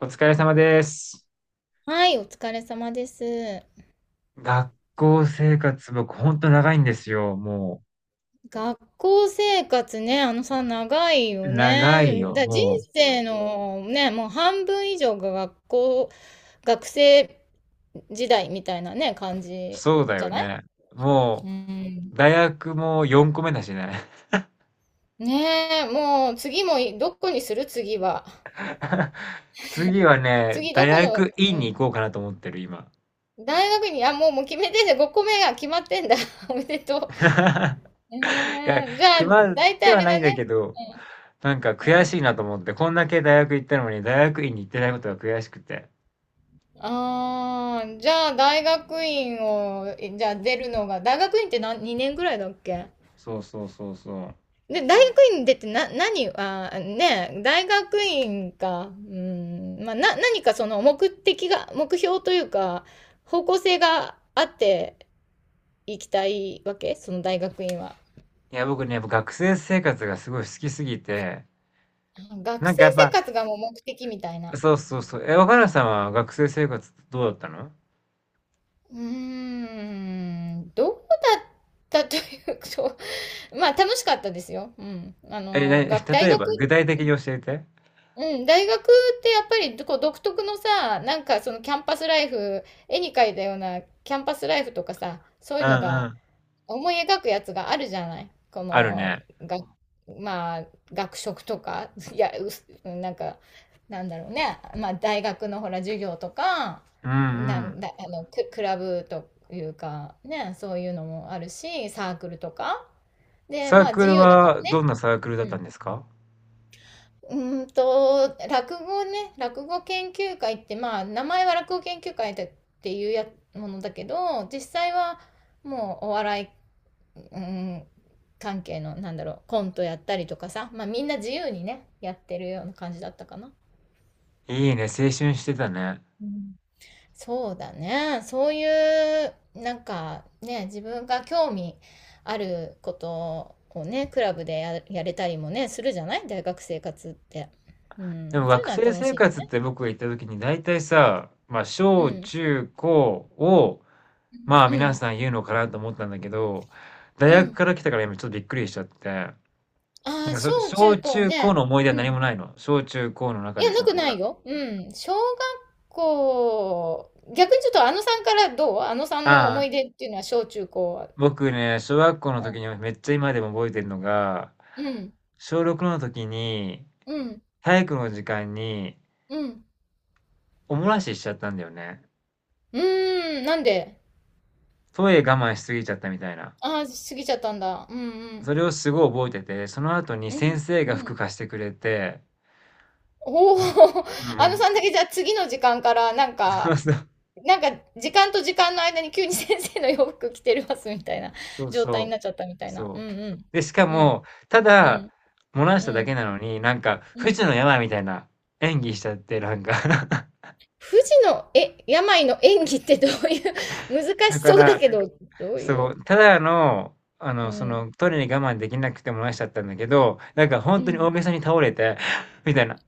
お疲れ様です。はい、お疲れ様です。学校生活僕ほんと長いんですよ。も学校生活ね、あのさ、長いう、よ長いね。よ。人もう、生のね、もう半分以上が学校、学生時代みたいなね、感じそうだじゃよない。ね。もうん。う、大学も4個目だしね。ねえ、もう次もいどこにする次は。次はね、次ど大この、学院うにん、行こうかなと思ってる、今。大学に、あ、もう、もう決めてんだ。5個目が決まってんだ。おめでとう。いや、ねえじゃあ、決まっ大体てあはれなだいんだね。けど、なんか悔しいなと思って、こんだけ大学行ったのに大学院に行ってないことが悔しくて。ああ、じゃあ大学院を、えじゃあ出るのが、大学院って何、2年ぐらいだっけ。そうそうそうそう。で、大学院出てな、何、ねえ、大学院か、うん、まあ、何かその目的が、目標というか、方向性があっていきたいわけその大学院は。いや、僕ね、やっぱ学生生活がすごい好きすぎて、学なん生かやっ生ぱ活がもう目的みたいな。そうそうそう。え、若菜さんは学生生活どうだったの？どうだったというと、まあ楽しかったですよ。うん。あえ、な、の、大例え学、ば具体的に教えて。うん、大学ってやっぱりこう独特のさ、なんかそのキャンパスライフ、絵に描いたようなキャンパスライフとかさ、そうういうんのうがん。思い描くやつがあるじゃない。こあるの、ね。が、まあ、学食とか、いや、うす、なんか、なんだろうね。まあ、大学のほら、授業とか、うんうなん。ん、だ、あの、ク、クラブというか、ね、そういうのもあるし、サークルとか。で、サーまあ、ク自ル由だからはどね。んなサークルだったんですか？う落語ね、落語研究会って、まあ、名前は落語研究会だっていうやものだけど、実際はもうお笑い、うん、関係の、なんだろう、コントやったりとかさ、まあみんな自由にね、やってるような感じだったかな。いいね、青春してたね。うん、そうだね。そういう、なんかね、自分が興味あることをね、クラブでや、やれたりもね、するじゃない大学生活って。うでもん、そういう学のは生楽生しいよ活っね。て僕が行った時に大体さ、まあう小ん。中高を、まあう皆ん。さん言うのかなと思ったんだけど、大う学ん。から来たから今ちょっとびっくりしちゃって。あなんあ、かそ、小中小高中高ね。の思い出うは何ん。もないの？小中高のい中や、でなさ、くなんなか。いよ。うん。小学校、逆にちょっとあのさんからどうあのさんのあ、思い出っていうのは小中高は。僕ね、小学校のう時ん。にめっちゃ今でも覚えてるのが、うん。小6の時にうん。体育の時間にうん。お漏らししちゃったんだよね。うーん。なんで。トイレ我慢しすぎちゃったみたいな。ああー、過ぎちゃったんだ。うんうん。それをすごい覚えてて、その後にうん。先生がう服ん。貸してくれて、おお。うん、うあんうのん、さんだけじゃあ次の時間からなんそうか、そう、なんか時間と時間の間に急に先生の洋服着てますみたいなそう状態にそう、なっちゃったみたいな。うそう。んで、しかうん。うん。も、たうだ、ん、漏らしうただけん、なのに、なんか、う不ん。治の病みたいな演技しちゃって、なんか。 富士の、え、病の演技ってどういう。 難しだかそうら、だけど、どういそう、う、ただの、あうの、そん、の、トイレに我慢できなくて漏らしちゃったんだけど、なんかう本当にん。大げさに倒れて、みたいな、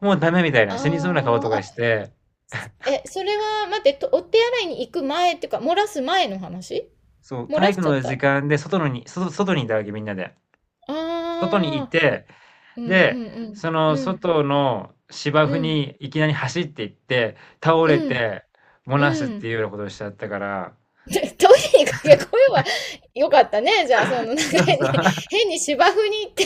もうダメみたいあな、死にそうな顔ーとかあ、して、え、それは、待って、とお手洗いに行く前っていうか、漏らす前の話。そう、漏体らし育ちゃのった。あ時間で外にいたわけ、みんなで。外にいあ、て、うんうで、んうん、そのうん、外の芝生うん、にいきなり走っていって、倒れうん、て、漏らすうってん。いうようなことをしちゃったから、トイレに駆け込めばよかったね。じゃあ、その、なんかそう変そに、う。変に芝生に行って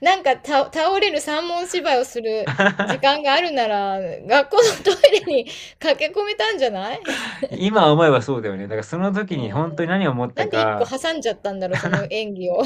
なんかた倒れる三文芝居をする時間 があるなら、学校のトイレに駆け込めたんじゃない。今思えばそうだよね。だからそのう時にん。本当に何を思っなたんで一個か、挟んじゃったんだろう、その演技を。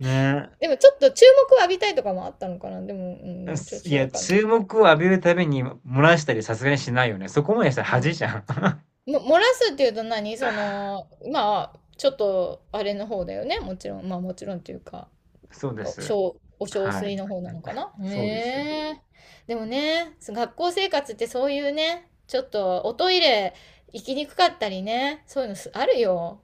ね。でもちょっと注目を浴びたいとかもあったのかな。でも、うん、ちょっすいとや、わかんない。注目を浴びるために漏らしたりさすがにしないよね。そこまでしたら恥じゃん。うん。漏らすっていうと何その、まあ、ちょっと、あれの方だよね。もちろん、まあもちろんっていうか。そうです。お小は水い。の方なのかな。そうです。へえ。でもね、そ学校生活ってそういうね、ちょっとおトイレ行きにくかったりね、そういうのすあるよ。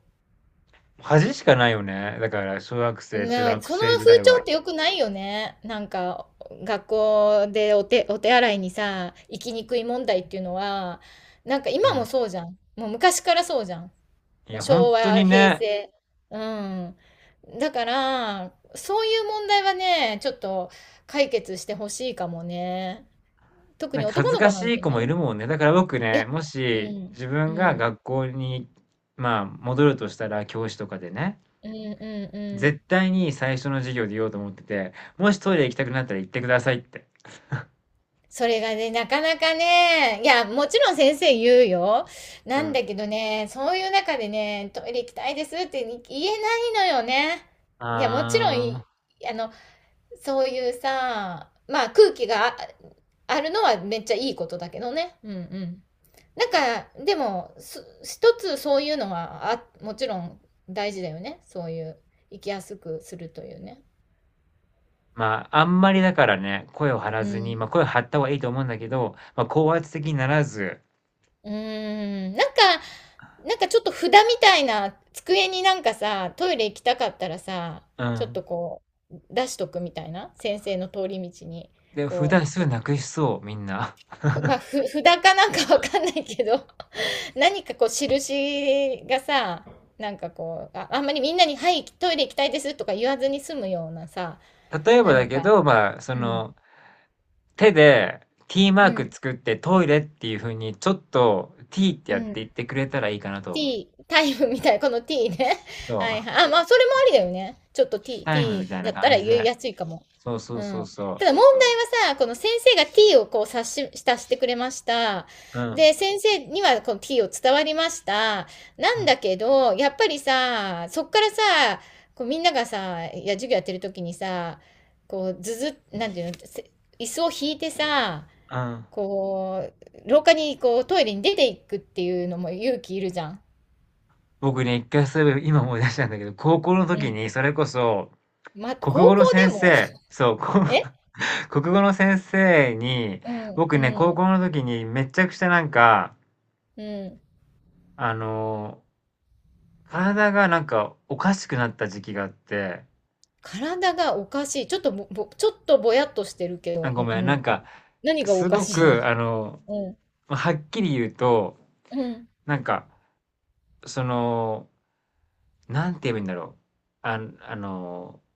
恥しかないよね。だから小学生、中まあ、学その生時風代潮は。って良くないよね。なんか、学校でお手、お手洗いにさ、行きにくい問題っていうのは、なんかう今もん。そうじゃん。もう昔からそうじゃん。いもうや、本昭当に和、平ね、成。うん。だから、そういう問題はね、ちょっと解決してほしいかもね。特なにんか恥男ずのか子しなんいて子ね。もいるもんね。だから僕いね、や、もうしん、自う分がん、学校に、まあ、戻るとしたら、教師とかでね、うん、うん、うん。絶対に最初の授業で言おうと思ってて、もしトイレ行きたくなったら行ってくださいって。それがね、なかなかね、いや、もちろん先生言うよ。うなんん。だけどね、そういう中でね、トイレ行きたいですって言えないのよね。いや、もちろんあい、あ。あの、そういうさ、まあ空気があるのはめっちゃいいことだけどね。うんうん。なんか、でも、す一つそういうのはあ、もちろん大事だよね。そういう、生きやすくするというね。まあ、あんまりだからね、声を張らうずに、ん。まあ、声を張った方がいいと思うんだけど、まあ、高圧的にならず、うーん。なんか、なんかちょっと札みたいな机になんかさ、トイレ行きたかったらさ、うちょっん。とこう、出しとくみたいな。先生の通り道に、で、普こ段すぐう。 なくしそう、みんな。まあ、札かなんかわかんないけど、何かこう、印がさ、なんかこう、あんまりみんなに、はい、トイレ行きたいですとか言わずに済むようなさ、例えば何だけか。ど、まあ、そうの、ん。手で T マうークん。作ってトイレっていう風に、ちょっと T ってうやってん。言ってくれたらいいかなと思う。T、タイムみたいな、この T ね。そ はいう、はい。あ、まあ、それもありだよね。ちょっと T、タイム T みたいなだった感らじ言いで。やすいかも。そうそううそうん。たそだ問題はさ、この先生が T をこう察してくれました。う。うん、で、先生にはこの T を伝わりました。なうんん、だけど、やっぱりさ、そっからさ、こうみんながさ、いや、授業やってる時にさ、こう、ずず、なんていうの、椅子を引いてさ、うん。こう、廊下にこうトイレに出ていくっていうのも勇気いるじゃん。僕ね、一回そういえば今思い出したんだけど、高校のう時ん。にそれこそ、ま、国語高の校で先も。 生、そう、え、国語の先生に、うん、僕ね、高うん、校の時にめちゃくちゃなんか、うん。あのー体がなんかおかしくなった時期があって、体がおかしい。ちょっとぼやっとしてるけあ、ど、うごん、めん、うなんん。か、何がおすかごしいの。 く、うん、はっきり言うと、うん。なんか、その、なんて言えばいいんだろう。あ、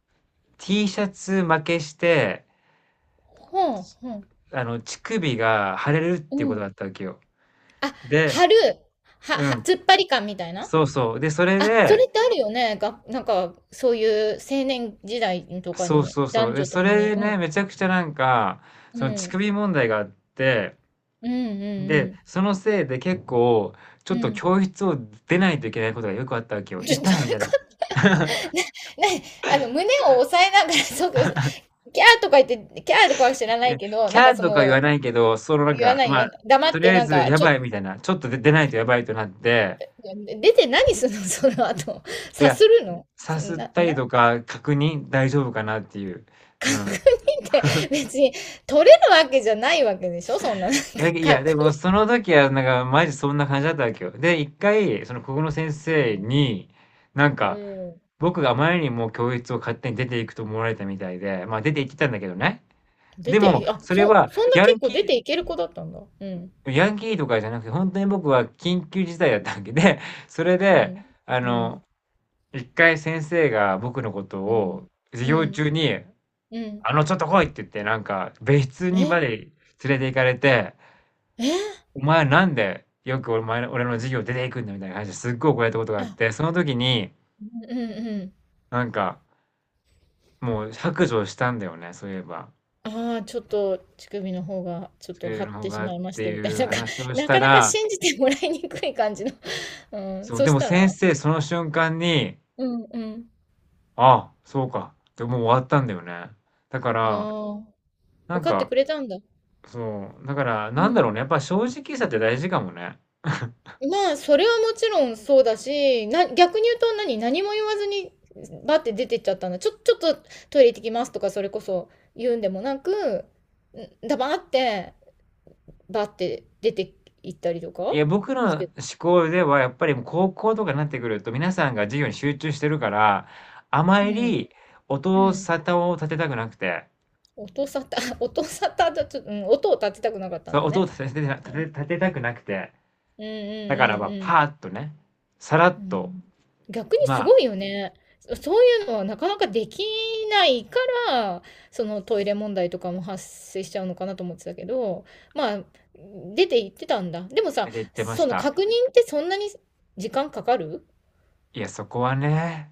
T シャツ負けして、ほん、ほん、あの、乳首が腫れるっうていうことがあっん。たわけよ。あ、で、貼る。うん、突っ張り感みたいな。そうそう。で、それあ、そで、れってあるよね。が、なんか、そういう青年時代とかそうに、そうそう。男で、女とそもれに。でうね、ん、めちゃくちゃなんか、うその乳ん、首問題があって、うん、うで、ん、そのせいで結構、ちょうっん。うとん。教室を出ないといけないことがよくあったわけよ。ちょ、ど痛いみういたうこいな。と。 ね、ね、あの、胸を押さえながら、そう、キャーとか言って、キャーとかは知らいないや、けど、キなんかャーそとか言の、わないけど、そのなん言わか、ない言まわあ、ない。黙とっりてあえなんずか、やちょ、ばいみたいな、ちょっとで出ないとやばいとなって、出て何するの。 その後。いさや、するの。さすっな、たりな、とか確認大丈夫かなっていう。う確認ん。って別に取れるわけじゃないわけでしょそんな、なんかだけいや、で確もそ認。の時は、なんか、マジそんな感じだったわけよ。で、一回、そのここの先生に、なんうか、ん。僕があまりにも教室を勝手に出ていくと思われたみたいで、まあ出て行ってたんだけどね。出でて、も、え、あ、それそ、はそんなヤ結ン構出キていける子だったんだ。うん。ー、ヤンキーとかじゃなくて、本当に僕は緊急事態だったわけで、それうで、ん。あうの、ん。一回先生が僕のことうん。を授う業ん。中に、うん。あの、ちょっと来いって言って、なんか、別室えにまえ、で連れて行かれて、お前なんでよくお前の、俺の授業出ていくんだみたいな感じですっごい怒られたことがあっあ、て、その時にうんうんうん。なんかもう白状したんだよね、そういえば。ああ、ちょっと乳首の方がちょっそうとい張うっのてしがっまいましててみたいな、いうなんか、話を しなたかなから、信じてもらいにくい感じの、うん、そう、そでしもた先ら。生その瞬間に、うんうん。あ、そうか、でもう終わったんだよね。だから、ああ、な分んかってか、くれたんだ。そう、だからうなんだろん。うね、やっぱ正直さって大事かもね。まあ、それはもちろんそうだし、な逆に言うと何何も言わずに、バッて出てっちゃったんだ。ちょ、ちょっとトイレ行ってきますとかそれこそ言うんでもなく、ん、ダバーって、バッて出て行ったりといかや、僕のし思て。考ではやっぱりもう高校とかになってくると、皆さんが授業に集中してるから、あまうん、りう音ん。沙汰を立てたくなくて、音沙汰、音沙汰だと、うん、音を立てたくなかったんそう、だ音をね。うん。立てたくなくて、うんだからまあ、パうんーッとね、さらうっんうん。うと、ん。逆にますあ、ごいよね。そそういうのはなかなかできないから、そのトイレ問題とかも発生しちゃうのかなと思ってたけど、まあ、出て行ってたんだ。でもさ、出て行ってましそのた。確認ってそんなに時間かかるいや、そこはね、